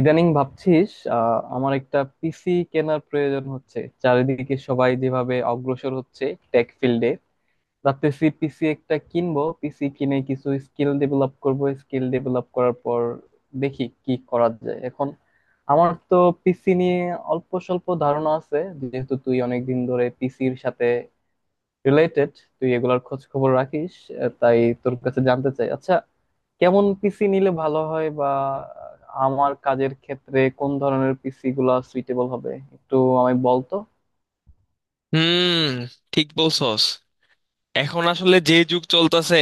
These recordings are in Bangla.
ইদানিং ভাবছিস আমার একটা পিসি কেনার প্রয়োজন হচ্ছে। চারিদিকে সবাই যেভাবে অগ্রসর হচ্ছে টেক ফিল্ডে, ভাবতেছি পিসি একটা কিনবো। পিসি কিনে কিছু স্কিল ডেভেলপ করব, স্কিল ডেভেলপ করার পর দেখি কি করা যায়। এখন আমার তো পিসি নিয়ে অল্প স্বল্প ধারণা আছে। যেহেতু তুই অনেকদিন ধরে পিসির সাথে রিলেটেড, তুই এগুলার খোঁজ খবর রাখিস। তাই তোর কাছে জানতে চাই। আচ্ছা, কেমন পিসি নিলে ভালো হয়, বা আমার কাজের ক্ষেত্রে কোন ধরনের পিসি গুলা সুইটেবল হবে একটু আমায় বলতো। হুম। ঠিক বলছস। এখন আসলে যে যুগ চলতেছে,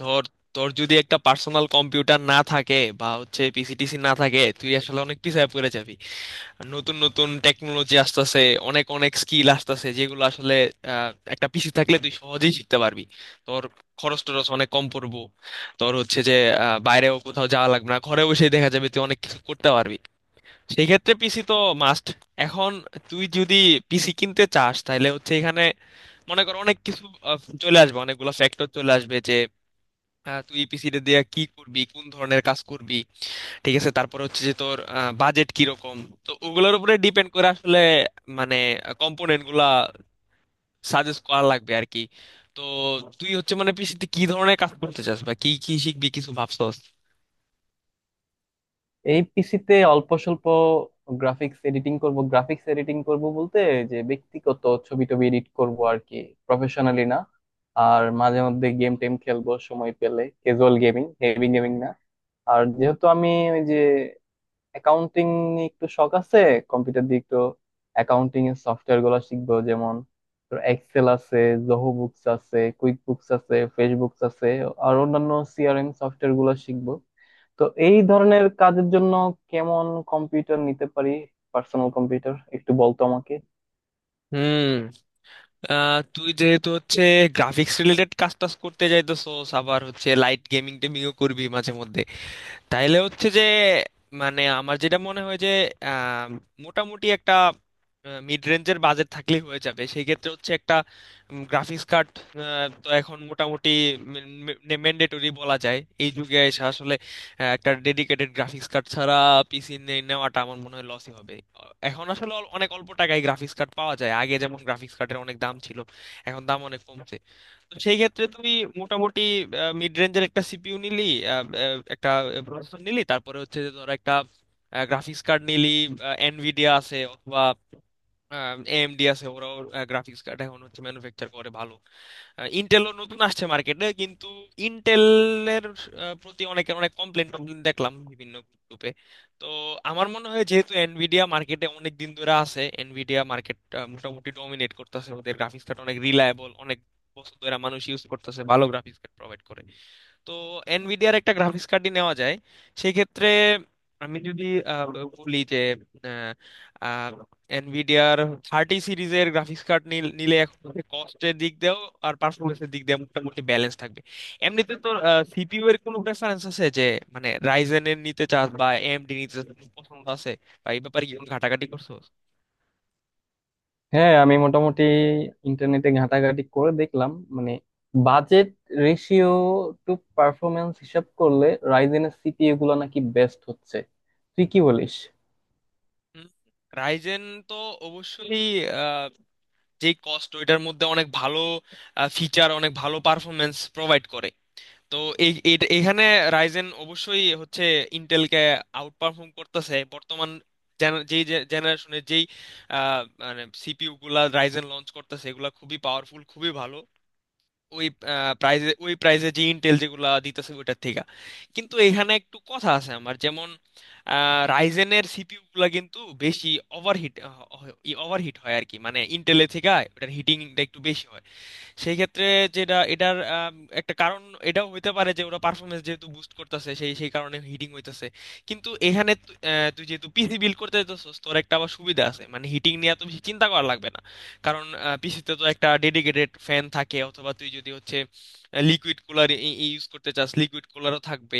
ধর তোর যদি একটা পার্সোনাল কম্পিউটার না থাকে বা হচ্ছে পিসিটিসি না থাকে, তুই আসলে অনেক পিছায় পড়ে যাবি। আর নতুন নতুন টেকনোলজি আসতেছে, অনেক অনেক স্কিল আসতেছে যেগুলো আসলে একটা পিসি থাকলে তুই সহজেই শিখতে পারবি। তোর খরচ টরচ অনেক কম পড়বো। তোর হচ্ছে যে বাইরেও কোথাও যাওয়া লাগবে না, ঘরে বসেই দেখা যাবে, তুই অনেক কিছু করতে পারবি। সেই ক্ষেত্রে পিসি তো মাস্ট। এখন তুই যদি পিসি কিনতে চাস তাহলে হচ্ছে এখানে মনে কর অনেক কিছু চলে আসবে, অনেকগুলো ফ্যাক্টর চলে আসবে যে তুই পিসিটা দিয়ে কি করবি, কোন ধরনের কাজ করবি। ঠিক আছে, তারপর হচ্ছে যে তোর বাজেট কিরকম। তো ওগুলোর উপরে ডিপেন্ড করে আসলে মানে কম্পোনেন্ট গুলা সাজেস্ট করা লাগবে আর কি। তো তুই হচ্ছে মানে পিসিতে কি ধরনের কাজ করতে চাস বা কি কি শিখবি, কিছু ভাবছস? এই পিসিতে অল্প স্বল্প গ্রাফিক্স এডিটিং করব। গ্রাফিক্স এডিটিং করব বলতে যে ব্যক্তিগত ছবি টবি এডিট করব আর কি, প্রফেশনালি না। আর মাঝে মধ্যে গেম টেম খেলবো সময় পেলে, ক্যাজুয়াল গেমিং, হেভি গেমিং না। আর যেহেতু আমি ওই যে অ্যাকাউন্টিং নিয়ে একটু শখ আছে, কম্পিউটার দিয়ে একটু অ্যাকাউন্টিং এর সফটওয়্যার গুলো শিখবো। যেমন তোর এক্সেল আছে, জোহো বুকস আছে, কুইক বুকস আছে, ফেসবুকস আছে, আর অন্যান্য সিআরএম সফটওয়্যার গুলো শিখবো। তো এই ধরনের কাজের জন্য কেমন কম্পিউটার নিতে পারি, পার্সোনাল কম্পিউটার, একটু বলতো আমাকে। হুম। তুই যেহেতু হচ্ছে গ্রাফিক্স রিলেটেড কাজ টাজ করতে যাইতেছস, আবার হচ্ছে লাইট গেমিং টেমিংও করবি মাঝে মধ্যে, তাইলে হচ্ছে যে মানে আমার যেটা মনে হয় যে আহ, মোটামুটি একটা মিড রেঞ্জের বাজেট থাকলেই হয়ে যাবে। সেই ক্ষেত্রে হচ্ছে একটা গ্রাফিক্স কার্ড তো এখন মোটামুটি ম্যান্ডেটরি বলা যায়। এই যুগে এসে আসলে একটা ডেডিকেটেড গ্রাফিক্স কার্ড ছাড়া পিসি নেওয়াটা আমার মনে হয় লসই হবে। এখন আসলে অনেক অল্প টাকায় গ্রাফিক্স কার্ড পাওয়া যায়। আগে যেমন গ্রাফিক্স কার্ডের অনেক দাম ছিল, এখন দাম অনেক কমছে। সেই ক্ষেত্রে তুমি মোটামুটি মিড রেঞ্জের একটা সিপিইউ নিলি, আহ, আহ, একটা প্রসেসর নিলি, তারপরে হচ্ছে যে ধরো একটা গ্রাফিক্স কার্ড নিলি। এনভিডিয়া আছে, অথবা এএমডি আছে, ওরাও গ্রাফিক্স কার্ড এখন হচ্ছে ম্যানুফ্যাকচার করে ভালো। ইন্টেলও নতুন আসছে মার্কেটে, কিন্তু ইন্টেলের প্রতি অনেকের অনেক কমপ্লেন টমপ্লেন দেখলাম বিভিন্ন গ্রুপে। তো আমার মনে হয় যেহেতু এনভিডিয়া মার্কেটে অনেক দিন ধরে আছে, এনভিডিয়া মার্কেট মোটামুটি ডমিনেট করতেছে, ওদের গ্রাফিক্স কার্ড অনেক রিলায়েবল, অনেক বছর ধরে মানুষ ইউজ করতেছে, ভালো গ্রাফিক্স কার্ড প্রোভাইড করে। তো এনভিডিয়ার একটা গ্রাফিক্স কার্ডই নেওয়া যায় সেক্ষেত্রে। আমি যদি আহ, বলি যে এনভিডিয়ার 30 সিরিজের গ্রাফিক্স কার্ড নিলে এখন কস্টের দিক দিয়েও আর পারফরমেন্সের দিক দিয়ে মোটামুটি ব্যালেন্স থাকবে। এমনিতে তো সিপিইউ এর কোনো প্রেফারেন্স আছে যে মানে রাইজেন এর নিতে চাস বা এএমডি নিতে চাস, কোনো পছন্দ আছে বা এই ব্যাপারে কি কোনো ঘাটাঘাটি করছো? হ্যাঁ, আমি মোটামুটি ইন্টারনেটে ঘাটাঘাটি করে দেখলাম, মানে বাজেট রেশিও টু পারফরমেন্স হিসাব করলে রাইজেনের সিপিইউ গুলো নাকি বেস্ট হচ্ছে। তুই কি বলিস? হুম, রাইজেন তো অবশ্যই যে কস্ট ওইটার মধ্যে অনেক ভালো ফিচার, অনেক ভালো পারফরমেন্স প্রোভাইড করে। তো এখানে রাইজেন অবশ্যই হচ্ছে ইন্টেলকে আউট পারফর্ম করতেছে বর্তমান যেই জেনারেশনের যেই মানে সিপিইউ গুলা রাইজেন লঞ্চ করতেছে, এগুলা খুবই পাওয়ারফুল, খুবই ভালো ওই ওই প্রাইজে যে ইন্টেল যেগুলা দিতেছে ওইটার থেকে। কিন্তু এখানে একটু কথা আছে, আমার যেমন রাইজেনের সিপিইউ গুলা কিন্তু বেশি ওভারহিট ওভারহিট হয় আর কি, মানে ইন্টেলের থেকে ওটার হিটিংটা একটু বেশি হয়। সেই ক্ষেত্রে যেটা এটার একটা কারণ এটাও হইতে পারে যে ওরা পারফরমেন্স যেহেতু বুস্ট করতেছে, সেই সেই কারণে হিটিং হইতেছে। কিন্তু এখানে তুই যেহেতু পিসি বিল্ড করতে যাচ্ছিস তোর একটা আবার সুবিধা আছে, মানে হিটিং নিয়ে এত বেশি চিন্তা করা লাগবে না। কারণ পিসিতে তো একটা ডেডিকেটেড ফ্যান থাকে, অথবা তুই যদি হচ্ছে লিকুইড কুলার ইউজ করতে চাস, লিকুইড কুলারও থাকবে,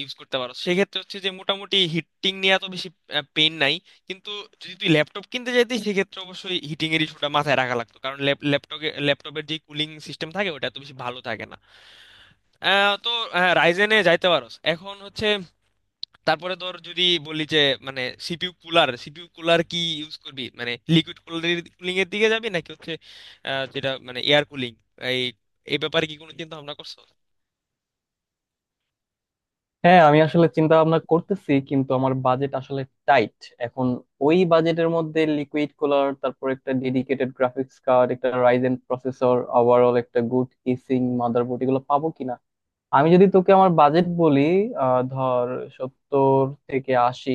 ইউজ করতে পারো। সেক্ষেত্রে হচ্ছে যে মোটামুটি হিটিং নিয়ে এত বেশি পেইন নাই। কিন্তু যদি তুই ল্যাপটপ কিনতে চাইতিস, সেক্ষেত্রে অবশ্যই হিটিং এর ইস্যুটা মাথায় রাখা লাগতো, কারণ ল্যাপটপে ল্যাপটপের যে কুলিং সিস্টেম থাকে ওটা তো বেশি ভালো থাকে না। তো রাইজেনে যাইতে পারোস এখন হচ্ছে। তারপরে ধর যদি বলি যে মানে সিপিইউ কুলার কি ইউজ করবি, মানে লিকুইড কুলিং এর দিকে যাবি নাকি হচ্ছে যেটা মানে এয়ার কুলিং, এই এই ব্যাপারে কি কোনো চিন্তা ভাবনা করছো? হ্যাঁ, আমি আসলে চিন্তা ভাবনা করতেছি, কিন্তু আমার বাজেট আসলে টাইট এখন। ওই বাজেটের মধ্যে লিকুইড কুলার, তারপর একটা ডেডিকেটেড গ্রাফিক্স কার্ড, একটা রাইজেন প্রসেসর, ওভারঅল একটা গুড কেসিং, মাদারবোর্ড, এগুলো পাবো কিনা? আমি যদি তোকে আমার বাজেট বলি, ধর 70 থেকে 80,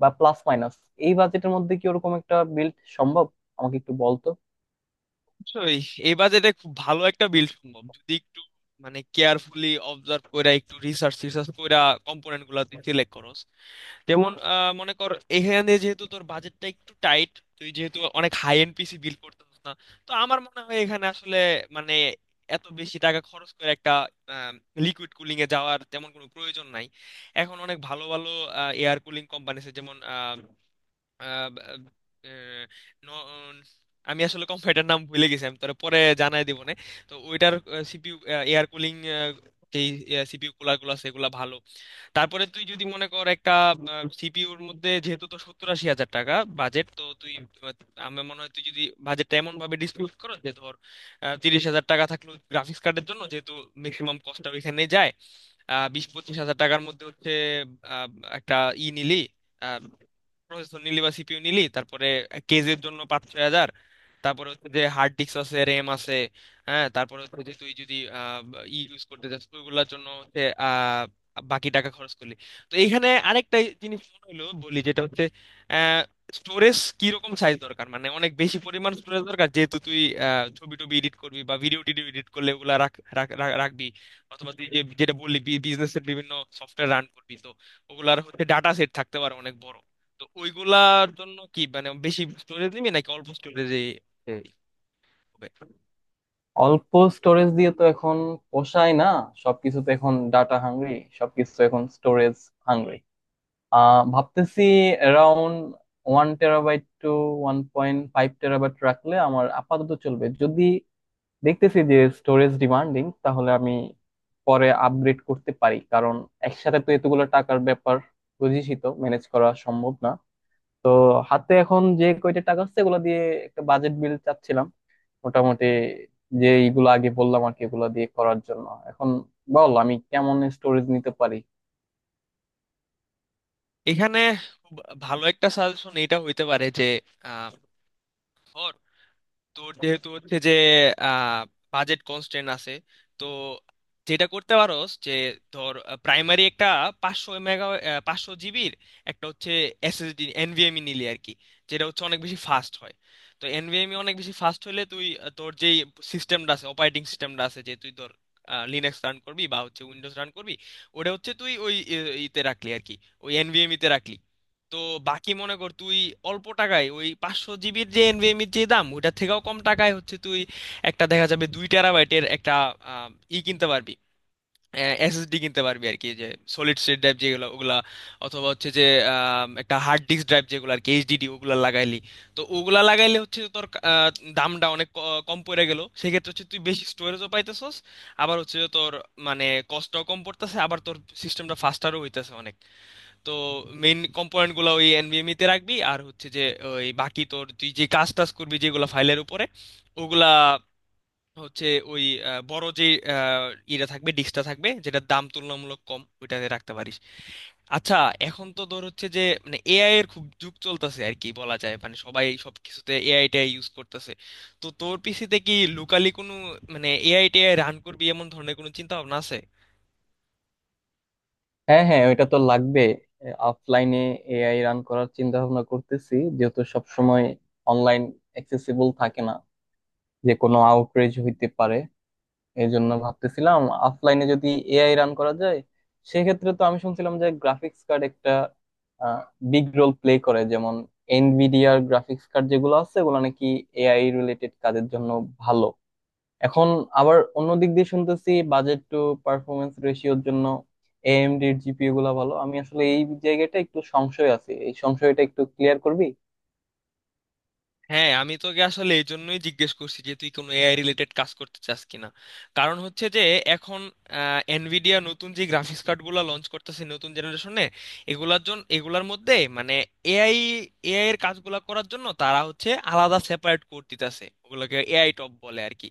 বা প্লাস মাইনাস, এই বাজেটের মধ্যে কি ওরকম একটা বিল্ড সম্ভব আমাকে একটু বলতো। অবশ্যই, এই বাজেটে খুব ভালো একটা বিল্ড সম্ভব যদি একটু মানে কেয়ারফুলি অবজার্ভ কইরা একটু রিসার্চ রিসার্চ কইরা কম্পোনেন্ট গুলা তুই সিলেক্ট করস। যেমন মনে কর, এখানে যেহেতু তোর বাজেটটা একটু টাইট, তুই যেহেতু অনেক হাই এন্ড পিসি বিল্ড করতে পারছিস না, তো আমার মনে হয় এখানে আসলে মানে এত বেশি টাকা খরচ করে একটা লিকুইড কুলিং এ যাওয়ার তেমন কোনো প্রয়োজন নাই। এখন অনেক ভালো ভালো এয়ার কুলিং কোম্পানি আছে, যেমন আহ, আহ, ন- আমি আসলে কম্পিউটার নাম ভুলে গেছি, আমি তোরে পরে জানাই দিব না। তো ওইটার সিপিইউ এয়ার কুলিং যেই সিপিইউ কুলার গুলো আছে এগুলা ভালো। তারপরে তুই যদি মনে কর একটা সিপিইউর মধ্যে যেহেতু তো 70-80 হাজার টাকা বাজেট, তো তুই আহ, আমার মনে হয় তুই যদি বাজেটটা এমন ভাবে ডিসপিউট করো যে ধর 30 হাজার টাকা থাকলো গ্রাফিক্স কার্ডের জন্য যেহেতু ম্যাক্সিমাম কস্টটা ওইখানে যায়, আহ, 20-25 হাজার টাকার মধ্যে হচ্ছে আহ, একটা ই নিলি, আহ, প্রসেসর নিলি বা সিপিইউ নিলি, তারপরে কেজের জন্য 5-6 হাজার, তারপরে হচ্ছে যে হার্ড ডিস্ক আছে, র্যাম আছে, হ্যাঁ, তারপরে হচ্ছে যে তুই যদি ই ইউজ করতে চাস ওইগুলোর জন্য হচ্ছে আহ, বাকি টাকা খরচ করলি। তো এইখানে আরেকটা জিনিস মনে হলো বলি যেটা হচ্ছে স্টোরেজ কি রকম সাইজ দরকার, মানে অনেক বেশি পরিমাণ স্টোরেজ দরকার যেহেতু তুই ছবি টবি এডিট করবি বা ভিডিও টিডিও এডিট করলে ওগুলা রাখ রাখ- রাখ- রাখবি, অথবা তুই যে যেটা বললি বিজনেসের বিভিন্ন সফটওয়্যার রান করবি, তো ওগুলার হচ্ছে ডাটা সেট থাকতে পারে অনেক বড়। তো ওইগুলার জন্য কি মানে বেশি স্টোরেজ নিবি নাকি অল্প স্টোরেজে হবে? অল্প স্টোরেজ দিয়ে তো এখন পোষায় না। সবকিছু তো এখন ডাটা হাংরি, সবকিছু তো এখন স্টোরেজ হাংরি। ভাবতেছি অ্যারাউন্ড 1 টেরাবাইট টু 1.5 টেরাবাইট রাখলে আমার আপাতত চলবে। যদি দেখতেছি যে স্টোরেজ ডিমান্ডিং, তাহলে আমি পরে আপগ্রেড করতে পারি। কারণ একসাথে তো এতগুলো টাকার ব্যাপার, বুঝিসই তো, ম্যানেজ করা সম্ভব না। তো হাতে এখন যে কয়টা টাকা আছে এগুলো দিয়ে একটা বাজেট বিল চাচ্ছিলাম মোটামুটি, যে এইগুলো আগে বললাম আর কি, এগুলো দিয়ে করার জন্য এখন বল আমি কেমন স্টোরেজ নিতে পারি। এখানে খুব ভালো একটা সাজেশন এটা হইতে পারে যে, তো যেহেতু হচ্ছে যে আহ, বাজেট কনস্ট্রেন্ট আছে, তো যেটা করতে পারো যে ধর প্রাইমারি একটা 500 মেগা 500 জিবির একটা হচ্ছে এসএসডি এনভিএমই নিলি আর কি, যেটা হচ্ছে অনেক বেশি ফাস্ট হয়। তো এনভিএমই অনেক বেশি ফাস্ট হলে তুই তোর যেই সিস্টেমটা আছে, অপারেটিং সিস্টেমটা আছে, যে তুই ধর লিনাক্স রান করবি বা হচ্ছে উইন্ডোজ রান করবি, ওটা হচ্ছে তুই ওই ইতে রাখলি আর কি, ওই এনভিএমই তে রাখলি। তো বাকি মনে কর, তুই অল্প টাকায় ওই 500 জিবির যে এনভিএম এর যে দাম ওটার থেকেও কম টাকায় হচ্ছে তুই একটা দেখা যাবে 2 টেরাবাইটের একটা আহ, ই কিনতে পারবি, এসএসডি কিনতে পারবি আর কি, যে সলিড স্টেট ড্রাইভ যেগুলো ওগুলা, অথবা হচ্ছে যে একটা হার্ড ডিস্ক ড্রাইভ যেগুলো আর কি, এইচডিডি ওগুলা লাগাইলি। তো ওগুলা লাগাইলে হচ্ছে তোর আহ, দামটা অনেক কম পড়ে গেল, সেক্ষেত্রে হচ্ছে তুই বেশি স্টোরেজও পাইতেছস, আবার হচ্ছে যে তোর মানে কষ্টও কম পড়তেছে, আবার তোর সিস্টেমটা ফাস্টারও হইতেছে অনেক। তো মেইন কম্পোনেন্ট গুলো ওই এনভিএমই তে রাখবি, আর হচ্ছে যে ওই বাকি তোর তুই যে কাজ টাজ করবি যেগুলো ফাইলের উপরে ওগুলা হচ্ছে ওই বড় যে আহ, ইটা থাকবে, ডিস্কটা থাকবে যেটার দাম তুলনামূলক কম, ওইটাতে রাখতে পারিস। আচ্ছা, এখন তো ধর হচ্ছে যে মানে এআই এর খুব যুগ চলতেছে আর কি বলা যায়, মানে সবাই সব কিছুতে এআই টাই ইউজ করতেছে। তো তোর পিসিতে কি লোকালি কোনো মানে এআই টেআই রান করবি এমন ধরনের কোনো চিন্তা ভাবনা আছে? হ্যাঁ, হ্যাঁ, ওইটা তো লাগবে। অফলাইনে এআই রান করার চিন্তা ভাবনা করতেছি, যেহেতু সবসময় অনলাইন অ্যাক্সেসিবল থাকে না, যে কোনো আউটরেজ হইতে পারে। এই জন্য ভাবতেছিলাম অফলাইনে যদি এআই রান করা যায়, সেক্ষেত্রে তো আমি শুনছিলাম যে গ্রাফিক্স কার্ড একটা বিগ রোল প্লে করে। যেমন এনভিডিয়ার গ্রাফিক্স কার্ড যেগুলো আছে ওগুলো নাকি এআই রিলেটেড কাজের জন্য ভালো। এখন আবার অন্য দিক দিয়ে শুনতেছি বাজেট টু পারফরমেন্স রেশিওর জন্য এএমডির জিপিও গুলা ভালো। আমি আসলে এই জায়গাটা একটু সংশয় আছে, এই সংশয়টা একটু ক্লিয়ার করবি। হ্যাঁ, আমি তোকে আসলে এই জন্যই জিজ্ঞেস করছি যে তুই কোনো এআই রিলেটেড কাজ করতে চাস কিনা। কারণ হচ্ছে যে এখন এনভিডিয়া নতুন যে গ্রাফিক্স কার্ডগুলো লঞ্চ করতেছে নতুন জেনারেশনে, এগুলার জন্য এগুলার মধ্যে মানে এআই এআই এর কাজগুলো করার জন্য তারা হচ্ছে আলাদা সেপারেট কোড দিতেছে, ওগুলোকে এআই টপ বলে আর কি।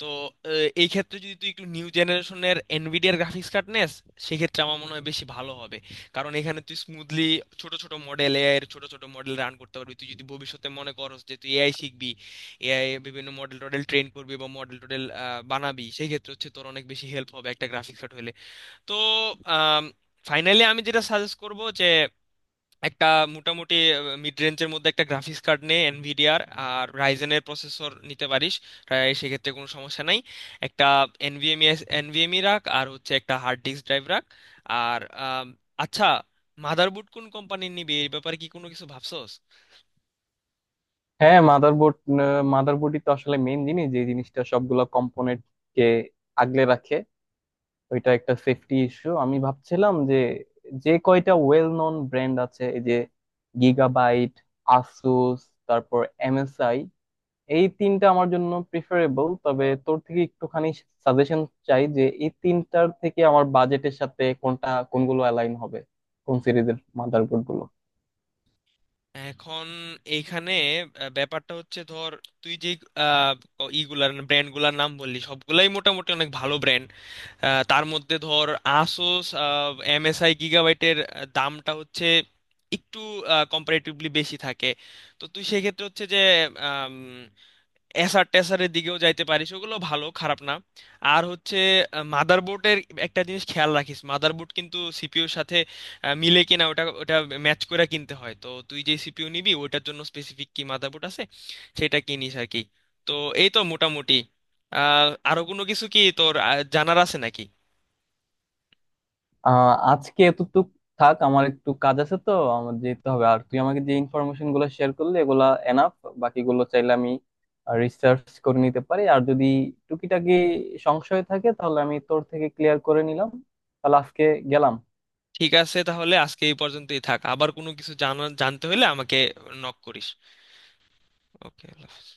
তো এই ক্ষেত্রে যদি তুই একটু নিউ জেনারেশনের এনভিডিয়ার গ্রাফিক্স কার্ড নেস, সেক্ষেত্রে আমার মনে হয় বেশি ভালো হবে। কারণ এখানে তুই স্মুথলি ছোট ছোট মডেল, এআই এর ছোট ছোট মডেল রান করতে পারবি। তুই যদি ভবিষ্যতে মনে করস যে তুই এআই শিখবি, এআই বিভিন্ন মডেল টডেল ট্রেন করবি বা মডেল টডেল বানাবি, সেই ক্ষেত্রে হচ্ছে তোর অনেক বেশি হেল্প হবে একটা গ্রাফিক্স কার্ড হলে। তো ফাইনালি আমি যেটা সাজেস্ট করব যে একটা মোটামুটি মিড রেঞ্জের মধ্যে একটা গ্রাফিক্স কার্ড নে এনভিডিআর, আর রাইজেনের প্রসেসর নিতে পারিস, আহ, সেক্ষেত্রে কোনো সমস্যা নাই। একটা এনভিএমই এনভিএমই রাখ আর হচ্ছে একটা হার্ড ডিস্ক ড্রাইভ রাখ। আর আচ্ছা, মাদারবোর্ড কোন কোম্পানির নিবি এই ব্যাপারে কি কোনো কিছু ভাবছস? হ্যাঁ, মাদারবোর্ড, মাদারবোর্ডই তো আসলে মেইন জিনিস, যে জিনিসটা সবগুলা কম্পোনেন্ট কে আগলে রাখে। ওইটা একটা সেফটি ইস্যু। আমি ভাবছিলাম যে যে কয়টা ওয়েল নন ব্র্যান্ড আছে, এই যে গিগাবাইট, আসুস, তারপর এমএসআই, এই তিনটা আমার জন্য প্রিফারেবল। তবে তোর থেকে একটুখানি সাজেশন চাই যে এই তিনটার থেকে আমার বাজেটের সাথে কোনটা কোনগুলো অ্যালাইন হবে, কোন সিরিজের মাদারবোর্ড গুলো। এখন এইখানে ব্যাপারটা হচ্ছে, ধর তুই যে আহ, ইগুলার ব্র্যান্ডগুলার নাম বললি সবগুলাই মোটামুটি অনেক ভালো ব্র্যান্ড। তার মধ্যে ধর আসুস, এমএসআই, গিগাবাইটের দামটা হচ্ছে একটু কম্পারেটিভলি বেশি থাকে। তো তুই সেক্ষেত্রে হচ্ছে যে এসার টেসারের দিকেও যাইতে পারিস, ওগুলো ভালো, খারাপ না। আর হচ্ছে মাদারবোর্ডের একটা জিনিস খেয়াল রাখিস, মাদারবোর্ড কিন্তু সিপিইউর সাথে মিলে কিনা ওটা ওটা ম্যাচ করে কিনতে হয়। তো তুই যে সিপিইউ নিবি ওটার জন্য স্পেসিফিক কি মাদারবোর্ড আছে সেটা কিনিস আর কি। তো এই তো মোটামুটি, আহ, আরো কোনো কিছু কি তোর জানার আছে নাকি? আজকে এতটুক থাক, আমার একটু কাজ আছে তো, আমার যেতে হবে। আর তুই আমাকে যে ইনফরমেশন গুলো শেয়ার করলি এগুলা এনাফ। বাকিগুলো চাইলে আমি রিসার্চ করে নিতে পারি, আর যদি টুকিটাকি সংশয় থাকে তাহলে আমি তোর থেকে ক্লিয়ার করে নিলাম। তাহলে আজকে গেলাম। ঠিক আছে, তাহলে আজকে এই পর্যন্তই থাক। আবার কোনো কিছু জানা জানতে হলে আমাকে নক করিস। ওকে, আল্লাহ হাফেজ।